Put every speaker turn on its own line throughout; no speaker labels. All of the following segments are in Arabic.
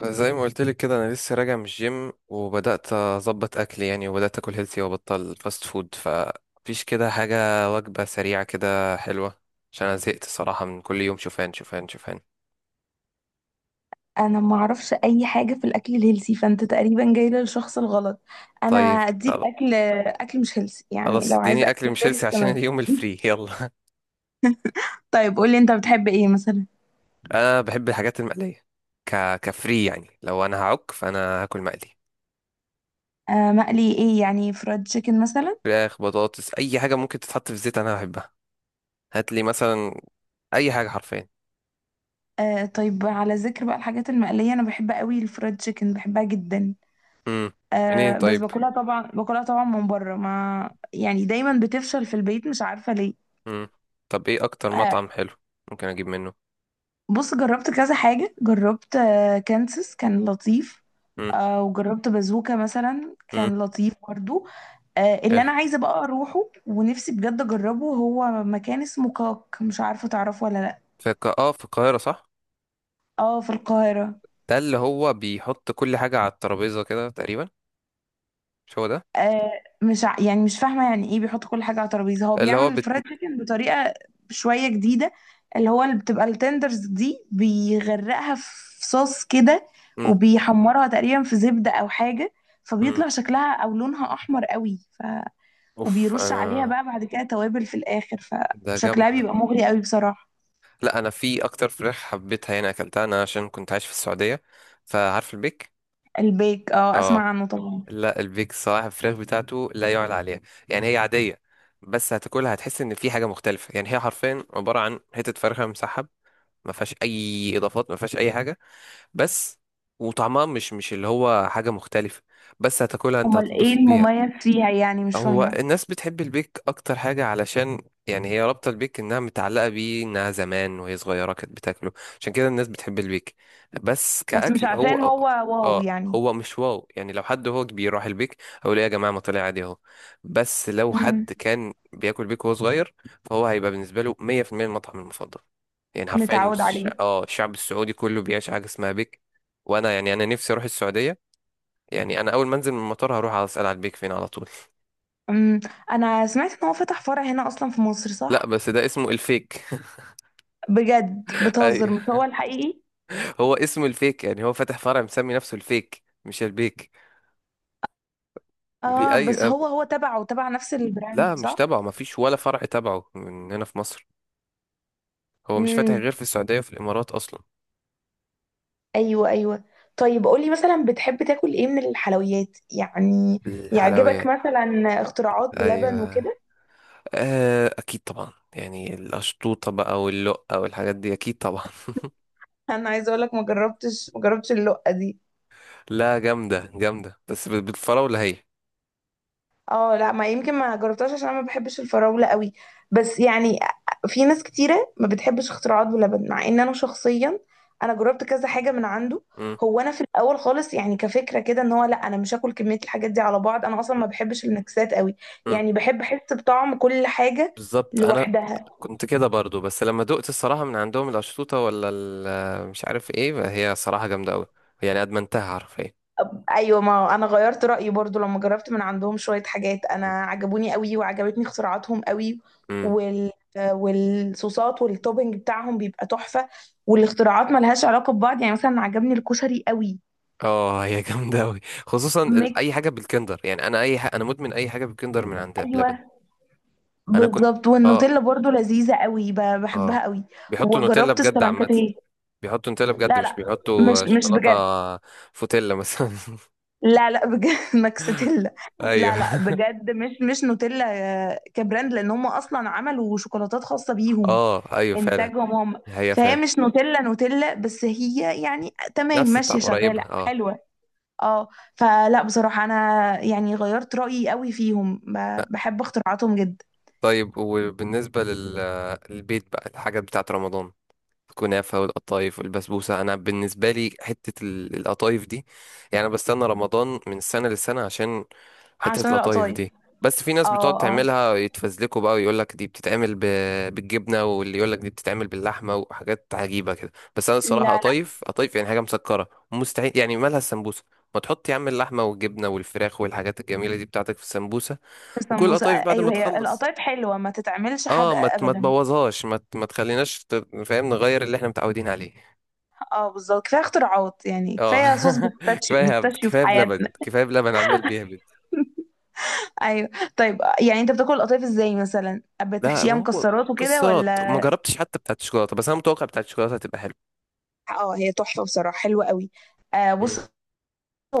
فزي ما قلت لك كده انا لسه راجع من الجيم وبدات اظبط اكلي يعني، وبدات اكل هيلثي وابطل فاست فود، فمفيش كده حاجه، وجبه سريعه كده حلوه، عشان انا زهقت صراحه من كل يوم شوفان شوفان شوفان.
انا ما اعرفش اي حاجه في الاكل الهيلثي، فانت تقريبا جاي للشخص الغلط. انا
طيب.
اديك
خلاص.
اكل مش هيلثي يعني،
خلاص،
لو عايزه
اديني اكل
اكل مش
مش هيلثي
هيلثي،
عشان
تمام؟
اليوم الفري، يلا.
طيب، قولي انت بتحب ايه مثلا؟
انا بحب الحاجات المقليه. كفري يعني، لو انا هعك فانا هاكل مقلي.
آه، مقلي ايه يعني؟ فرايد تشيكن مثلا؟
فراخ، بطاطس، اي حاجه ممكن تتحط في الزيت انا بحبها. هات لي مثلا اي حاجه حرفيا.
آه طيب، على ذكر بقى الحاجات المقليه، انا بحب قوي الفرايد تشيكن، بحبها جدا.
امم. منين
آه، بس
طيب.
باكلها طبعا من بره، ما يعني دايما بتفشل في البيت، مش عارفه ليه.
مم. طب ايه اكتر
آه،
مطعم حلو ممكن اجيب منه؟
بص، جربت كذا حاجة، جربت كانسس، كان لطيف.
مم.
وجربت بازوكا مثلا،
مم.
كان لطيف برضو. اللي
حلو.
انا عايزة بقى اروحه ونفسي بجد اجربه هو مكان اسمه كاك، مش عارفة تعرفه ولا لا؟
في القاهرة صح؟
اه، في القاهرة.
ده اللي هو بيحط كل حاجة على الترابيزة كده تقريبا، مش هو ده؟
آه مش ع- يعني مش فاهمه، يعني ايه بيحط كل حاجه على ترابيزه؟ هو
اللي هو
بيعمل
بت...
الفرايد تشيكن بطريقه شويه جديده، اللي هو اللي بتبقى التندرز دي بيغرقها في صوص كده،
مم.
وبيحمرها تقريبا في زبده او حاجه.
مم.
فبيطلع شكلها او لونها احمر قوي
اوف
وبيرش عليها
انا.
بقى بعد كده توابل في الاخر،
ده جامد
فشكلها
ده.
بيبقى مغري قوي بصراحه.
لا، انا في اكتر فراخ حبيتها هنا اكلتها انا عشان كنت عايش في السعودية، فعارف البيك.
البيك، اه،
اه.
اسمع عنه طبعا.
لا، البيك صراحة الفراخ بتاعته لا يعلى عليها. يعني هي عادية، بس هتاكلها هتحس ان في حاجة مختلفة. يعني هي حرفيا عبارة عن حتة فرخة مسحب، ما فيهاش اي اضافات، ما فيهاش اي حاجة بس. وطعمها مش اللي هو حاجة مختلفة، بس هتاكلها انت
امال ايه
هتتبسط بيها.
المميز فيها يعني؟ مش
هو
فاهمه.
الناس بتحب البيك اكتر حاجة علشان، يعني هي رابطة، البيك انها متعلقة بيه، انها زمان وهي صغيرة كانت بتاكله، عشان كده الناس بتحب البيك، بس
بس مش
كأكل
عشان
هو.
هو واو
اه،
يعني.
هو مش واو يعني. لو حد هو كبير راح البيك اقول ايه يا جماعة، ما طلع عادي اهو. بس لو
مم.
حد كان بياكل بيك وهو صغير فهو هيبقى بالنسبة له 100% المطعم المفضل. يعني حرفيا
متعود عليه.
الشعب السعودي كله بيعيش حاجة اسمها بيك. وانا يعني، انا نفسي اروح السعودية، يعني انا اول ما انزل من المطار هروح اسال على البيك فين على طول.
أمم، انا سمعت ان هو فتح فرع هنا اصلا في مصر،
لا،
صح؟
بس ده اسمه الفيك.
بجد بتهزر؟
ايوه،
مش هو الحقيقي؟
هو اسمه الفيك، يعني هو فاتح فرع مسمي نفسه الفيك مش البيك. بي
اه،
اي
بس
أب...
هو تبعه تبع نفس
لا
البراند،
مش
صح؟
تبعه، ما فيش ولا فرع تبعه من هنا في مصر، هو مش فاتح
امم
غير في السعودية وفي الامارات اصلا.
ايوه، ايوه. طيب، قولي مثلا بتحب تاكل ايه من الحلويات يعني؟ يعجبك
الحلويات.
مثلا اختراعات بلبن
ايوه.
وكده؟
آه، اكيد طبعا، يعني الاشطوطة بقى واللقة والحاجات دي اكيد طبعا.
انا عايزه اقول لك، ما جربتش اللقه دي.
لا، جامدة جامدة، بس بالفراولة هي.
اه لا، ما يمكن ما جربتهاش عشان انا ما بحبش الفراولة قوي، بس يعني في ناس كتيرة ما بتحبش اختراعات بلبن، مع ان انا شخصيا انا جربت كذا حاجة من عنده.
مم.
هو انا في الاول خالص يعني، كفكرة كده ان هو، لا انا مش هاكل كمية الحاجات دي على بعض، انا اصلا ما بحبش النكسات قوي،
مم.
يعني بحب احس بطعم كل حاجة
بالظبط. انا
لوحدها.
كنت كده برضو، بس لما دقت الصراحه من عندهم القشطوطه مش عارف ايه هي، صراحه جامده قوي، يعني ادمنتها حرفيا.
ايوه، ما انا غيرت رايي برضو لما جربت من عندهم شويه حاجات، انا عجبوني قوي، وعجبتني اختراعاتهم قوي،
امم.
وال والصوصات والتوبنج بتاعهم بيبقى تحفه. والاختراعات ملهاش علاقه ببعض، يعني مثلا عجبني الكشري قوي،
اه، هي جامده قوي، خصوصا
ميكس.
اي حاجه بالكندر. يعني انا اي حاجة انا مدمن اي حاجه بالكندر من عندها
ايوه،
بلبن. انا كنت.
بالظبط،
اه.
والنوتيلا برضو لذيذه قوي،
اه.
بحبها قوي.
بيحطوا نوتيلا
وجربت
بجد عامه.
السلانكاتيه.
بيحطوا نوتيلا بجد،
لا،
مش
لا، مش
بيحطوا
مش
شوكولاته.
بجد.
فوتيلا مثلا.
لا، لا، بجد. ماكساتيلا.
ايوه.
لا، لا، بجد، مش نوتيلا. كبراند لان هم اصلا عملوا شوكولاتات خاصه بيهم،
اه ايوه فعلا.
انتاجهم هم.
هي
فهي
فعلا
مش نوتيلا نوتيلا، بس هي يعني تمام،
نفس الطعم
ماشيه
قريبه،
شغاله
اه.
حلوه. اه. فلا بصراحه، انا يعني غيرت رايي قوي فيهم، بحب اختراعاتهم جدا.
طيب، للبيت بقى الحاجات بتاعة رمضان، الكنافة والقطايف والبسبوسة. أنا بالنسبة لي حتة القطايف دي، يعني أنا بستنى رمضان من سنة لسنة عشان حتة
عشان
القطايف
القطايف.
دي. بس في ناس بتقعد
اه، اه.
تعملها يتفزلكوا بقى ويقولك دي بالجبنة، واللي يقولك دي بتتعمل باللحمة وحاجات عجيبة كده. بس أنا الصراحة
لا، لا.
قطايف قطايف، يعني حاجة مسكرة، مستحيل، يعني مالها السمبوسة؟ ما تحط يا عم اللحمة والجبنة والفراخ والحاجات الجميلة دي بتاعتك في السمبوسة. وكل
السمبوسه،
القطايف بعد
ايوه،
ما
هي
تخلص،
القطايف حلوه ما تتعملش
اه،
حادقه
ما
ابدا.
تبوظهاش، ما تخليناش. فاهم؟ نغير اللي احنا متعودين عليه.
اه، بالظبط، كفايه اختراعات يعني،
اه.
كفايه صوص بيستاشيو
كفايه هبد،
بيستاشيو في
كفايه
حياتنا.
بلبن، كفايه بلبن عمال بيهبد.
ايوه. طيب، يعني انت بتاكل القطايف ازاي مثلا؟
لا،
بتحشيها
ما هو
مكسرات وكده
مكسرات ما
ولا؟
جربتش، حتى بتاعت الشوكولاته، بس انا متوقع بتاعت الشوكولاته هتبقى حلوه.
اه، هي تحفه بصراحه، حلوه قوي. آه،
مم.
بص،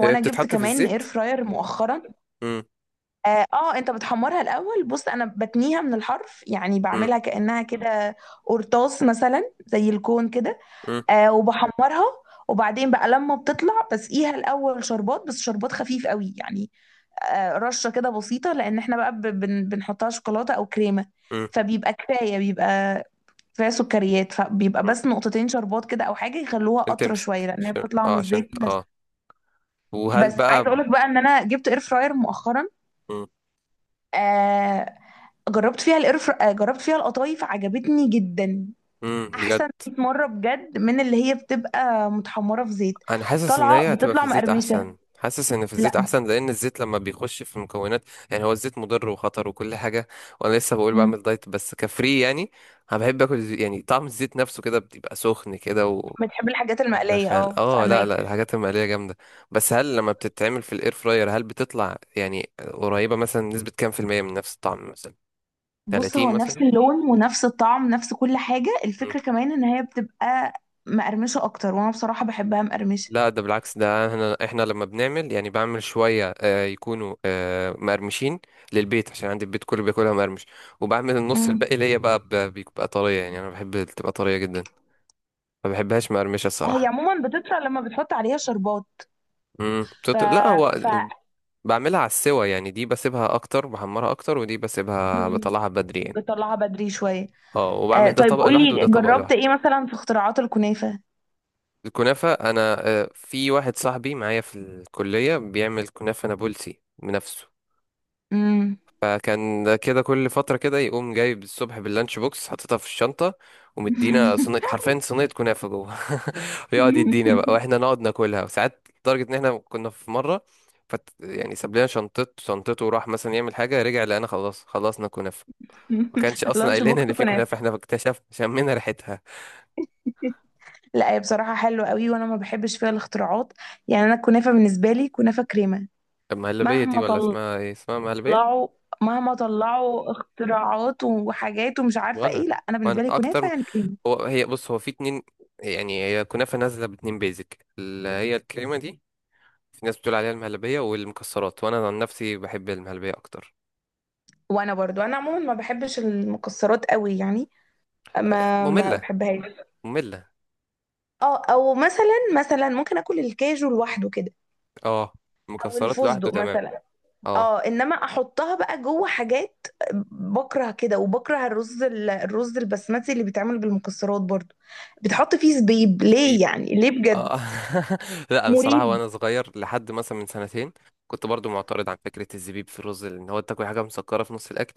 هي
جبت
بتتحط في
كمان
الزيت؟
اير فراير مؤخرا.
امم.
اه. انت بتحمرها الاول، بص، انا بتنيها من الحرف يعني،
امم.
بعملها كانها كده قرطاس مثلا، زي الكون كده.
امم.
وبحمرها، وبعدين بقى لما بتطلع بسقيها الاول شربات، بس شربات خفيف قوي يعني. رشه كده بسيطه، لان احنا بقى ب- بن بنحطها شوكولاته او كريمه،
امم.
فبيبقى كفايه، بيبقى كفايه سكريات، فبيبقى
امم.
بس نقطتين شربات كده او حاجه، يخلوها
عشان
قطره
تمسك،
شويه، لان هي
عشان
بتطلع من
اه عشان
الزيت.
اه وهل
بس
بقى.
عايزه اقول لك بقى ان انا جبت اير فراير مؤخرا.
امم.
آه جربت فيها القرف، جربت فيها القطايف، عجبتني جدا،
بجد.
احسن 100 مره بجد من اللي هي بتبقى متحمره في زيت.
انا حاسس ان
طالعه
هي هتبقى في
بتطلع
الزيت
مقرمشه.
احسن، حاسس ان في الزيت
لا.
احسن، لان الزيت لما بيخش في المكونات، يعني هو الزيت مضر وخطر وكل حاجه. وانا لسه بقول
مم.
بعمل دايت بس كفري يعني. انا بحب اكل يعني طعم الزيت نفسه كده بيبقى سخن كده
بتحب الحاجات المقليه،
ومدخل.
اه،
اه، لا
فاهمك.
لا، الحاجات المقليه جامده، بس هل لما بتتعمل في الاير فراير هل بتطلع يعني قريبه، مثلا نسبه كام في الميه من نفس الطعم؟ مثلا
بص، هو
30
نفس
مثلا.
اللون ونفس الطعم، نفس كل حاجه، الفكره كمان ان هي بتبقى مقرمشه اكتر، وانا بصراحه بحبها مقرمشه.
لا، ده بالعكس، ده احنا لما بنعمل، يعني بعمل شويه يكونوا مقرمشين للبيت عشان عندي البيت كله بياكلها مقرمش، وبعمل النص
مم.
الباقي ليا بقى بيبقى طريه، يعني انا بحب تبقى طريه جدا، ما بحبهاش مقرمشه
هي
الصراحه.
عموما بتطلع لما بتحط عليها شربات.
امم.
ف
لا، هو
ف
بعملها على السوا، يعني دي بسيبها اكتر بحمرها اكتر، ودي بسيبها
مم.
بطلعها بدري يعني.
بتطلعها بدري شويه.
اه، وبعمل ده
طيب،
طبق لوحده
قولي
وده طبق
جربت
لوحده.
ايه مثلا في اختراعات الكنافة؟
الكنافه انا، في واحد صاحبي معايا في الكليه بيعمل كنافه نابلسي بنفسه،
امم
فكان كده كل فترة كده يقوم جايب الصبح باللانش بوكس حاططها في الشنطة، ومدينا صينية، حرفيا صينية كنافة جوه. ويقعد يدينا بقى واحنا نقعد ناكلها، وساعات لدرجة ان احنا كنا في مرة يعني ساب لنا شنطته وراح مثلا يعمل حاجة، رجع لقينا خلاص خلصنا كنافة، ما كانش اصلا
لانش
قايل لنا
بوكس
ان في كنافة،
كنافة!
احنا اكتشفنا شمينا ريحتها.
لا، هي بصراحة حلوة قوي، وانا ما بحبش فيها الاختراعات، يعني انا الكنافة بالنسبة لي كنافة كريمة.
المهلبية دي،
مهما
ولا اسمها ايه؟ اسمها مهلبية.
طلعوا مهما طلعوا اختراعات وحاجات ومش عارفة
وانا
ايه، لا انا
وانا
بالنسبة لي كنافة يعني كريمة.
هو، هي بص، هو في اتنين، يعني هي كنافة نازلة باتنين بيزك اللي هي الكريمة دي، في ناس بتقول عليها المهلبية والمكسرات، وأنا عن نفسي بحب المهلبية أكتر.
وانا برضو، انا عموما ما بحبش المكسرات قوي يعني، ما
مملة
بحبهاش.
مملة.
اه، او مثلا ممكن اكل الكاجو لوحده كده،
اه،
او
المكسرات لوحده
الفستق
تمام.
مثلا.
اه.
اه، انما احطها بقى جوه حاجات، بكره كده، وبكره الرز الرز البسمتي اللي بيتعمل بالمكسرات برضو. بتحط فيه زبيب
بيب.
ليه؟ يعني ليه بجد؟
اه. لا، أنا الصراحة
مريب.
وأنا صغير لحد مثلا من سنتين كنت برضو معترض عن فكرة الزبيب في الرز، لأن هو تاكل حاجة مسكرة في نص الأكل.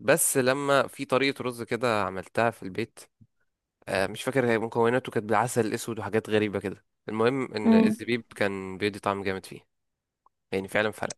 بس لما في طريقة رز كده عملتها في البيت، آه مش فاكر هي مكوناته كانت بالعسل الأسود وحاجات غريبة كده، المهم إن
مم.
الزبيب كان بيدي طعم جامد فيه، يعني فعلا فرق.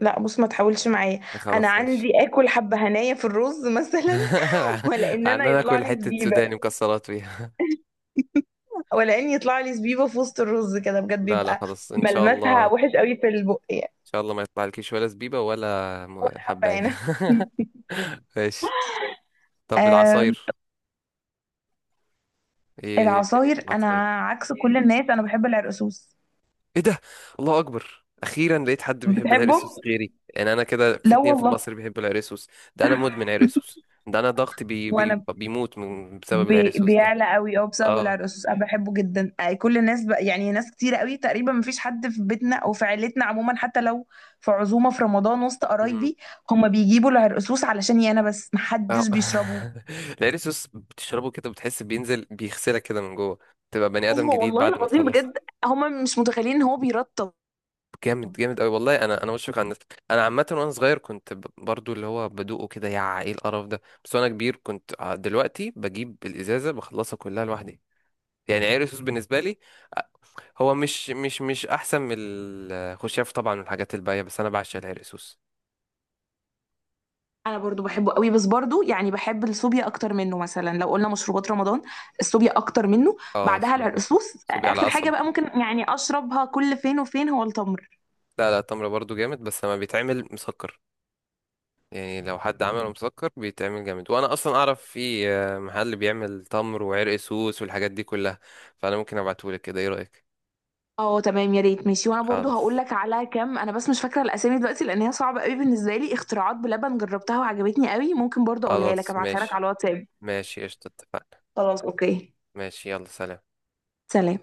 لا، بص، ما تحاولش معايا. انا
خلاص ماشي.
عندي اكل حبه هنايا في الرز مثلا. ولا ان
عن
انا
انا
يطلع
اكل
لي
حته
زبيبه،
سوداني مكسرات فيها.
ولا ان يطلع لي زبيبه في وسط الرز كده، بجد
لا لا،
بيبقى
خلاص ان شاء الله
ملمسها
ان
وحش قوي في البق يعني،
شاء الله ما يطلع لكيش ولا زبيبه ولا
ولا حبه
حبايه.
هنا.
ماشي. طب
آه.
العصاير، ايه الدنيا في
العصاير،
العصاير؟
انا عكس كل الناس، انا بحب العرقسوس.
ايه ده؟ الله اكبر، اخيرا لقيت حد بيحب
بتحبه؟
العرقسوس غيري، يعني انا كده في
لا
اتنين في
والله.
مصر بيحبوا العرقسوس. ده انا مدمن عرقسوس، ده انا ضغطي بي
وانا
بيموت من بسبب العرقسوس ده.
بيعلى قوي، اه، بسبب
اه.
العرقسوس، انا بحبه جدا، كل الناس يعني ناس كتير قوي، تقريبا مفيش حد في بيتنا او في عيلتنا عموما، حتى لو في عزومه في رمضان وسط قرايبي، هما بيجيبوا العرقسوس علشاني انا، بس
اه.
محدش بيشربه.
العرق السوس بتشربه كده بتحس بينزل بيغسلك كده من جوه، تبقى بني ادم
ايوه
جديد
والله
بعد ما
العظيم،
تخلص.
بجد. هما مش متخيلين ان هو بيرطب.
جامد جامد قوي والله. انا بشفق على الناس. انا عامه وانا صغير كنت برضو اللي هو بدوقه كده يا ايه القرف ده، بس وانا كبير كنت دلوقتي بجيب الازازه بخلصها كلها لوحدي. يعني عرق السوس بالنسبه لي، آه، هو مش احسن من الخشاف طبعا والحاجات الباقيه، بس انا بعشق العرق السوس.
انا برضو بحبه قوي، بس برضو يعني بحب السوبيا اكتر منه، مثلا لو قلنا مشروبات رمضان، السوبيا اكتر منه.
اه
بعدها
صبي.
العرقسوس،
صبي على
اخر حاجه
قصب.
بقى ممكن يعني اشربها كل فين وفين هو التمر.
لا لا، التمر برضو جامد بس لما بيتعمل مسكر، يعني لو حد عمله مسكر بيتعمل جامد. وانا اصلا اعرف في محل بيعمل تمر وعرق سوس والحاجات دي كلها، فانا ممكن ابعتهولك كده، ايه رأيك؟
اه تمام، يا ريت، ماشي. وانا برضو هقول
خلاص.
لك على كام، انا بس مش فاكره الاسامي دلوقتي لان هي صعبه قوي بالنسبه لي، اختراعات بلبن جربتها وعجبتني قوي، ممكن برضو اقولها لك،
خلاص
ابعتها لك
ماشي.
على الواتساب.
ماشي قشطة، اتفقنا.
خلاص، اوكي.
ماشي يلا سلام.
سلام